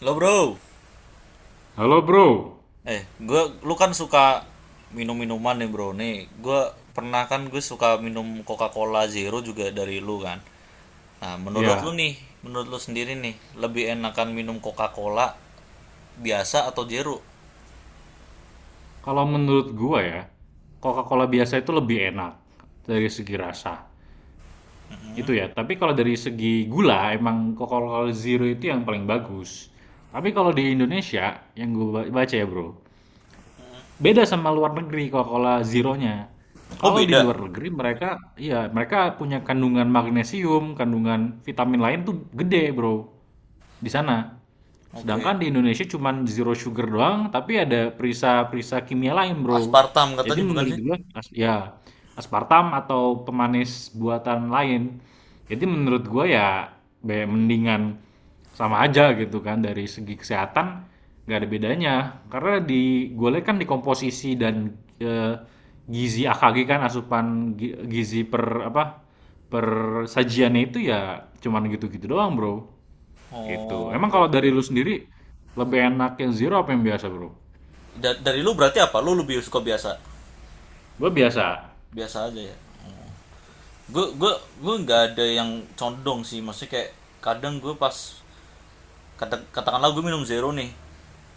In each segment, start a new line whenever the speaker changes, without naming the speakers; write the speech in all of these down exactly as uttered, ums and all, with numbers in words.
Lo bro,
Halo bro,
eh gua lu kan suka minum minuman nih bro nih. Gua pernah kan gue suka minum Coca-Cola Zero juga dari lu kan. Nah, menurut lu
ya
nih, menurut lu sendiri nih, lebih enakan minum Coca-Cola biasa atau Zero?
kalau menurut gua ya Coca-Cola biasa itu lebih enak dari segi rasa itu ya. Tapi kalau dari segi gula emang Coca-Cola Zero itu yang paling bagus. Tapi kalau di Indonesia yang gua ba- baca ya bro, beda sama luar negeri kalau kola zeronya.
Oh,
Kalau di
beda.
luar negeri mereka, iya mereka punya kandungan magnesium, kandungan vitamin lain tuh gede bro di sana. Sedangkan
Oke.
di Indonesia cuman zero sugar doang, tapi ada perisa-perisa kimia lain bro.
Aspartam
Jadi
katanya bukan
menurut
sih?
gua as- ya aspartam atau pemanis buatan lain. Jadi menurut gua ya be- mendingan sama aja gitu kan dari segi kesehatan nggak ada bedanya. Karena di gulai kan di komposisi dan, eee, gizi A K G kan asupan gi gizi per apa, per sajiannya itu ya cuman gitu-gitu doang, Bro, gitu.
Oh,
Emang
oke,
kalau dari
oke.
lu sendiri lebih enak yang zero apa yang biasa, Bro?
Da- dari lu berarti apa? Lu lebih suka biasa?
Gue biasa.
Biasa aja ya. gue gue gue nggak ada yang condong sih, maksudnya kayak kadang gue pas Kata- katakanlah gue minum zero nih,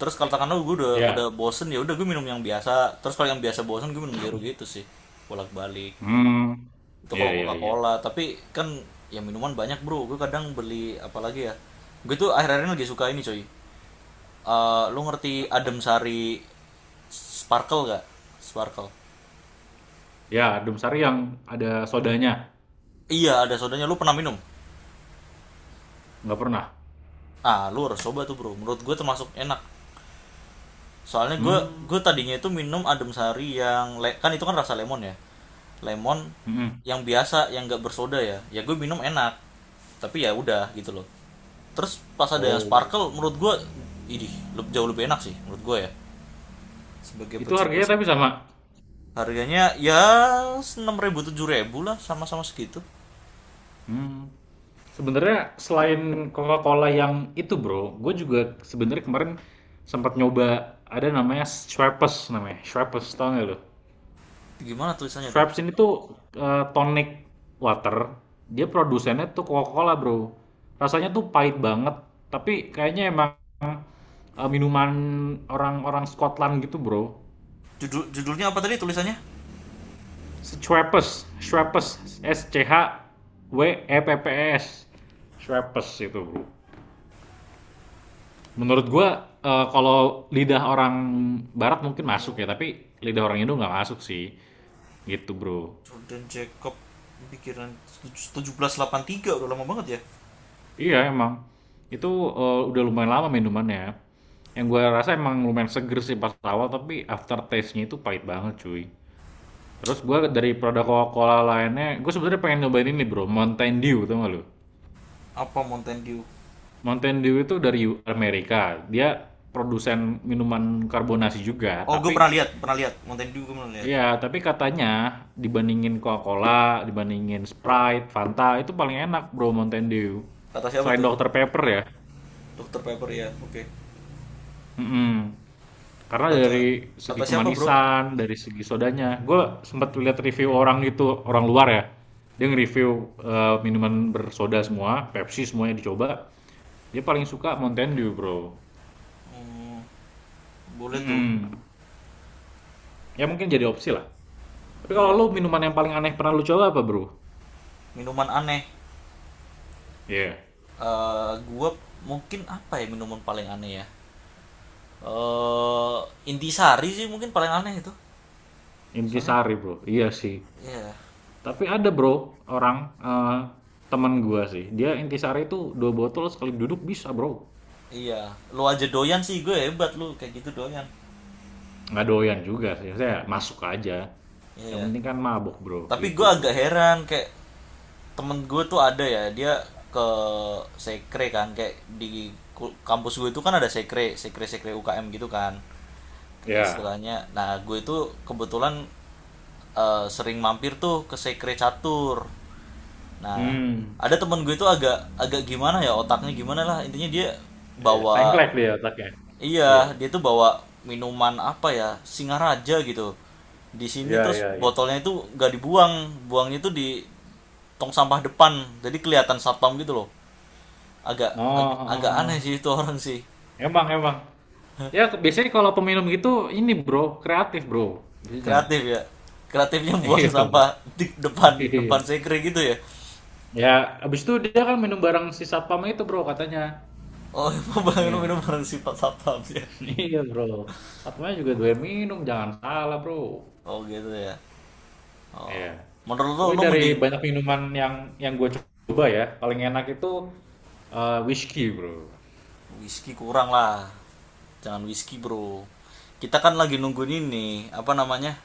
terus katakanlah gue udah udah
Ya.
bosen, ya udah gue minum yang biasa, terus kalau yang biasa bosen gue minum zero gitu sih, bolak-balik.
Hmm.
Itu
Iya,
kalau
iya, iya.
Coca-Cola, tapi kan ya minuman banyak bro, gue kadang beli. Apalagi ya, gue tuh akhir-akhir ini lagi suka ini coy. Eh, lu ngerti Adem Sari Sparkle gak? Sparkle.
Ya, adem sari yang ada sodanya?
Iya, ada sodanya. Lu pernah minum?
Nggak pernah?
Ah, lu harus coba tuh bro. Menurut gue termasuk enak. Soalnya gue gue
Mmm.
tadinya itu minum adem sari yang le- kan itu kan rasa lemon ya lemon,
Mhm.
yang biasa, yang nggak bersoda ya, ya gue minum enak, tapi ya udah gitu loh. Terus pas ada yang
Oh,
sparkle, menurut gue ini jauh lebih enak sih, menurut gue ya, sebagai
itu
pecinta
harganya tapi
soda.
sama?
Harganya ya enam ribu tujuh ribu lah, sama-sama segitu.
Mmm, sebenarnya selain Coca-Cola yang itu Bro, gue juga sebenarnya kemarin sempat nyoba ada namanya Schweppes namanya, Schweppes tau nggak lu?
Gimana tulisannya tuh?
Schweppes ini tuh, eee, tonic water, dia produsennya tuh Coca-Cola Bro. Rasanya tuh pahit banget, tapi kayaknya emang, eee, minuman orang-orang Scotland gitu Bro.
Judul judulnya apa tadi, tulisannya?
Schweppes, Schweppes, S C H W E P P E S, Schweppes itu Bro. Menurut gue eh, kalau lidah orang barat mungkin masuk
Oh,
ya, tapi lidah orang Indo nggak masuk sih. Gitu, Bro.
Jordan Jacob, pikiran tujuh belas delapan tiga. Udah lama banget ya.
Iya, emang. Itu eh, udah lumayan lama minumannya. Yang gue rasa emang lumayan seger sih pas awal, tapi after taste nya itu pahit banget, cuy. Terus gue dari produk Coca-Cola lainnya, gue sebenarnya pengen nyobain ini, Bro, Mountain Dew, tau gak lu?
Apa Mountain Dew?
Mountain Dew itu dari Amerika. Dia produsen minuman karbonasi juga,
Oh, gue
tapi
pernah lihat, pernah lihat Mountain Dew, gue pernah lihat.
iya, tapi katanya dibandingin Coca-Cola, dibandingin Sprite, Fanta, itu paling enak Bro Mountain Dew.
Kata siapa
Selain
tuh?
dokter Pepper ya.
Dokter Pepper ya, oke. Okay.
Mm-mm. Karena
kata
dari segi
kata siapa bro?
kemanisan, dari segi sodanya. Gue sempat lihat review orang gitu, orang luar ya. Dia nge-review eh, minuman bersoda semua, Pepsi semuanya dicoba. Dia paling suka Mountain Dew, Bro.
Hmm, boleh tuh.
Mm-mm. Ya mungkin jadi opsi lah. Tapi kalau
Iya,
lu minuman yang paling aneh pernah lu coba apa, Bro?
minuman aneh.
Iya.
Eh, gue mungkin apa ya, minuman paling aneh ya, eh intisari sih mungkin paling aneh itu. Soalnya
Intisari, Bro. Iya sih.
iya, yeah.
Tapi ada bro, orang eh, temen gua sih. Dia intisari itu dua botol sekali duduk bisa bro.
Iya, yeah. Lu aja doyan sih, gue hebat lu kayak gitu doyan.
Nggak doyan juga sih. Saya masuk aja.
Iya,
Yang
yeah.
penting kan mabok bro,
Tapi
gitu
gue
bro.
agak heran kayak temen gue tuh ada ya, dia ke sekre, kan kayak di kampus gue itu kan ada sekre sekre sekre U K M gitu kan
Ya.
istilahnya. Nah, gue itu kebetulan eh, sering mampir tuh ke sekre catur. Nah,
Hmm.
ada temen gue itu agak agak gimana ya otaknya, gimana lah, intinya dia
Ya,
bawa.
sengklek dia otaknya. Iya.
Iya, dia tuh bawa minuman apa ya, Singaraja gitu. Di sini
Iya,
terus
iya, iya.
botolnya itu nggak dibuang, buangnya itu di tong sampah depan. Jadi kelihatan satpam gitu loh. Agak
Oh,
ag- agak aneh
oh, oh.
sih itu orang sih.
Emang, emang. Ya, biasanya kalau peminum gitu ini bro, kreatif bro. Biasanya.
Kreatif ya. Kreatifnya buang
Iya, bro.
sampah di depan
Iya.
depan sekre gitu ya.
Ya, abis itu dia kan minum barang si satpam itu bro katanya.
Oh, emang bang
Iya.
minum bareng sifat satpam ya.
Iya bro, Fatma juga doyan minum, jangan salah bro.
Oh gitu ya. Oh.
Iya.
Menurut lo,
Tapi
lo
dari
mending.
banyak minuman yang yang gue coba ya, paling enak itu eh, whisky bro.
Whisky kurang lah. Jangan whisky, Bro. Kita kan lagi nungguin ini, apa namanya?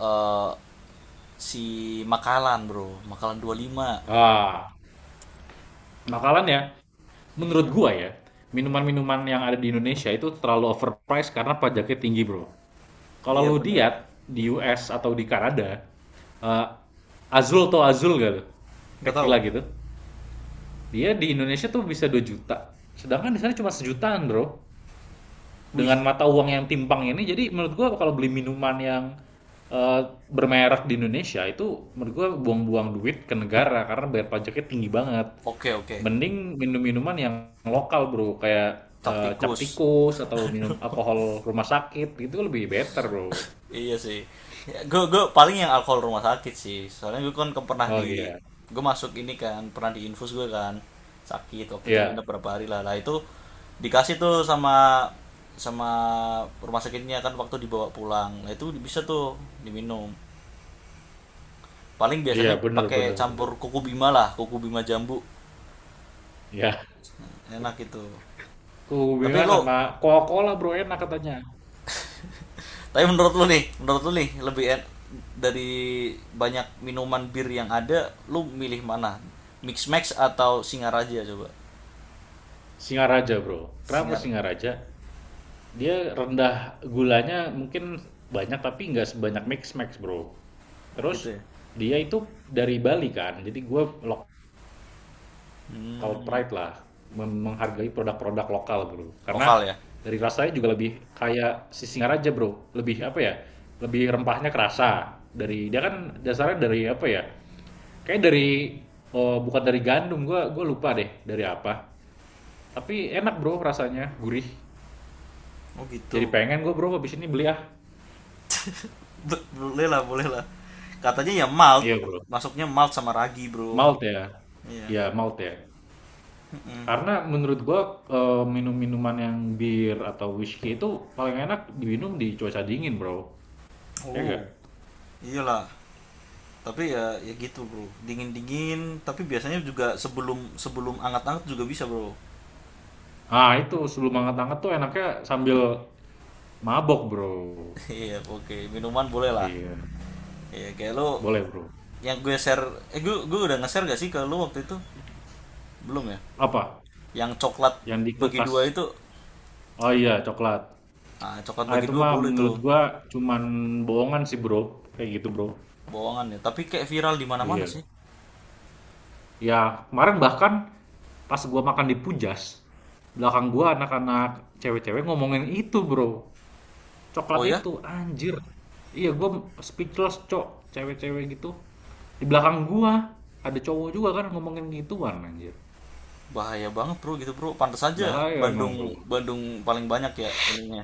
Eh si Makalan, Bro. Makalan dua puluh lima.
Ah, makalannya menurut
Iya.
gua ya, minuman-minuman yang ada di Indonesia itu terlalu overpriced karena pajaknya tinggi, Bro. Kalau lu
Iya bener.
lihat di U S atau di Kanada, eh, Azul atau Azul gak tuh?
Nggak tahu.
Tequila gitu. Dia di Indonesia tuh bisa dua juta. Sedangkan di sana cuma sejutaan, Bro.
Wih.
Dengan mata uang yang timpang ini jadi menurut gua kalau beli minuman yang eh, bermerek di Indonesia itu menurut gua buang-buang duit ke negara karena bayar pajaknya tinggi banget,
Oke, oke.
mending minum minuman yang lokal bro, kayak
Cap
eh, cap
tikus.
tikus atau minum alkohol rumah sakit gitu lebih better bro.
Iya sih. Ya, gue gue paling yang alkohol rumah sakit sih. Soalnya gue kan ke- pernah
Oh
di
iya,
gue masuk ini kan pernah di infus gue kan sakit waktu itu,
iya,
nginep berapa hari lah. Lah itu dikasih tuh sama sama rumah sakitnya kan waktu dibawa pulang. Nah, itu bisa tuh diminum. Paling
iya,
biasanya
bener,
pakai
bener, bener,
campur kuku bima lah, kuku bima jambu.
iya.
Enak itu.
Kubu
Tapi lo.
sama Coca-Cola bro enak katanya.
Tapi menurut lu nih, menurut lu nih, lebih en- dari banyak minuman bir yang ada, lu milih mana? Mix Max atau Singaraja coba?
Singaraja bro, kenapa
Singar.
Singaraja? Dia rendah gulanya mungkin banyak tapi nggak sebanyak Mix Max, Bro.
Oh
Terus
gitu ya.
dia itu dari Bali kan, jadi gue local
Hmm,
pride lah menghargai produk-produk lokal, Bro. Karena
lokal ya.
dari rasanya juga lebih kayak si Singaraja, Bro. Lebih apa ya? Lebih rempahnya kerasa. Dari dia kan dasarnya dari apa ya? Kayak dari, oh, bukan dari gandum, gue gue lupa deh dari apa. Tapi enak, Bro, rasanya, gurih.
Oh
Jadi
gitu.
pengen gue, Bro, habis ini beli ah.
Be- Boleh lah, boleh lah. Katanya ya malt,
Iya, Bro.
masuknya malt sama ragi, Bro.
Malt ya,
Iya.
ya malt ya.
Mm-mm.
Karena menurut gua eh, minum-minuman yang bir atau whisky itu paling enak diminum di cuaca dingin bro, ya gak?
Oh, iyalah. Tapi ya, ya gitu, Bro. Dingin-dingin, tapi biasanya juga sebelum sebelum anget-anget juga bisa, Bro.
Ah itu sebelum hangat-hangat tuh enaknya sambil mabok bro.
Iya, oke. Minuman boleh lah.
Iya,
Iya kayak lu
boleh bro.
yang gue share, eh gue gue udah nge-share gak sih ke lu waktu itu? Belum ya?
Apa?
Yang coklat
Yang di
bagi
kulkas?
dua itu.
Oh iya, coklat.
Ah, coklat
Ah
bagi
itu
dua
mah
boleh tuh.
menurut gua cuman bohongan sih bro, kayak gitu bro.
Bohongan ya, tapi kayak viral di mana-mana
Iya.
sih.
Ya kemarin bahkan pas gue makan di Pujas, belakang gue anak-anak cewek-cewek ngomongin itu, Bro. Coklat
Oh ya?
itu, anjir. Iya, gue speechless, Cok. Cewek-cewek gitu. Di belakang gue ada cowok juga kan ngomongin gituan, anjir.
Bahaya banget, Bro, gitu, Bro. Pantas aja
Bahaya emang,
Bandung
Bro.
Bandung paling banyak ya ininya,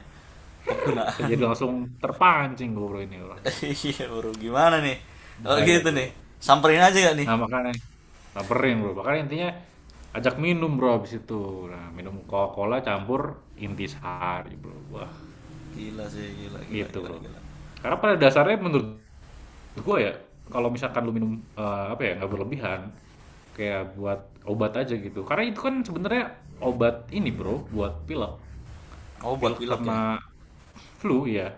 Saya
penggunaan.
jadi langsung terpancing gue Bro ini. Waduh,
Iya, Bro. Gimana nih? Oh
bahaya,
gitu nih.
Bro.
Samperin aja gak nih?
Nah, makanya samperin, Bro. Makanya intinya ajak minum, Bro, abis itu. Nah, minum Coca-Cola campur intisari, Bro. Wah,
Gila sih, gila gila
gitu,
gila
Bro.
gila.
Karena pada dasarnya menurut Menurut gue ya, kalau misalkan lu minum, eee, apa ya, nggak berlebihan, kayak buat obat aja gitu. Karena itu kan sebenarnya obat ini Bro, buat pilek.
Oh, buat
Pilek
pilek ya.
sama flu ya.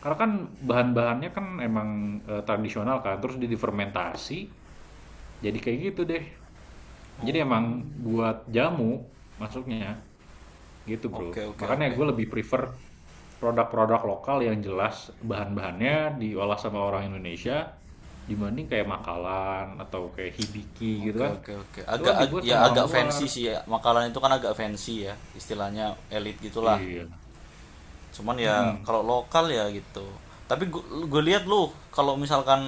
Karena kan bahan-bahannya kan emang, eee, tradisional kan, terus dia difermentasi, jadi kayak gitu deh. Jadi
Oh.
emang buat jamu masuknya, gitu Bro.
Oke, oke,
Makanya
oke.
gue lebih prefer produk-produk lokal yang jelas bahan-bahannya diolah sama orang Indonesia, dibanding kayak makalan atau kayak hibiki
Oke,
gitu kan.
oke, oke.
Itu
Agak
kan
ag-
dibuat
ya
sama
agak
orang
fancy
luar.
sih ya. Makanan itu kan agak fancy ya. Istilahnya elit gitulah.
Iya.
Cuman ya
Mm-mm.
kalau lokal ya gitu. Tapi gue lihat lu kalau misalkan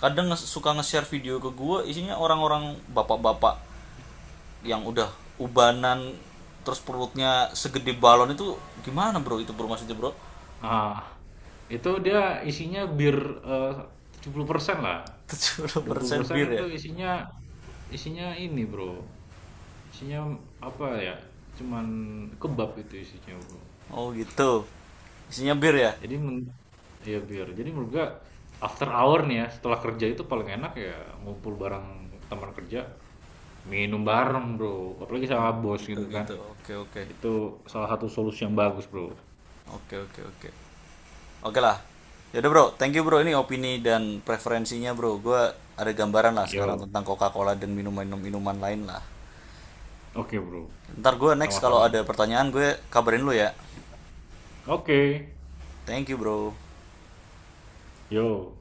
kadang nge- suka nge-share video ke gue isinya orang-orang bapak-bapak yang udah ubanan, terus perutnya segede balon itu, gimana bro itu bro maksudnya bro?
Ah, itu dia isinya bir eh, tujuh puluh persen lah. dua puluh
tujuh puluh persen
persen
bir ya.
itu isinya isinya ini, Bro. Isinya apa ya? Cuman kebab itu isinya, Bro.
Oh gitu, isinya bir ya.
Jadi men ya biar. Jadi menurut gua after hour nih ya, setelah kerja itu paling enak ya ngumpul bareng teman kerja, minum bareng, Bro. Apalagi
Oh,
sama bos
gitu
gitu kan.
gitu, oke oke
Itu salah satu solusi yang bagus, Bro.
oke oke oke. Oke lah. Yaudah bro, thank you bro. Ini opini dan preferensinya bro. Gue ada gambaran lah sekarang
Yo.
tentang Coca-Cola dan minuman-minuman lain lah.
Oke, Bro.
Ntar gue next kalau
Sama-sama,
ada
Bro.
pertanyaan gue kabarin lu ya.
Oke.
Thank you bro.
Yo.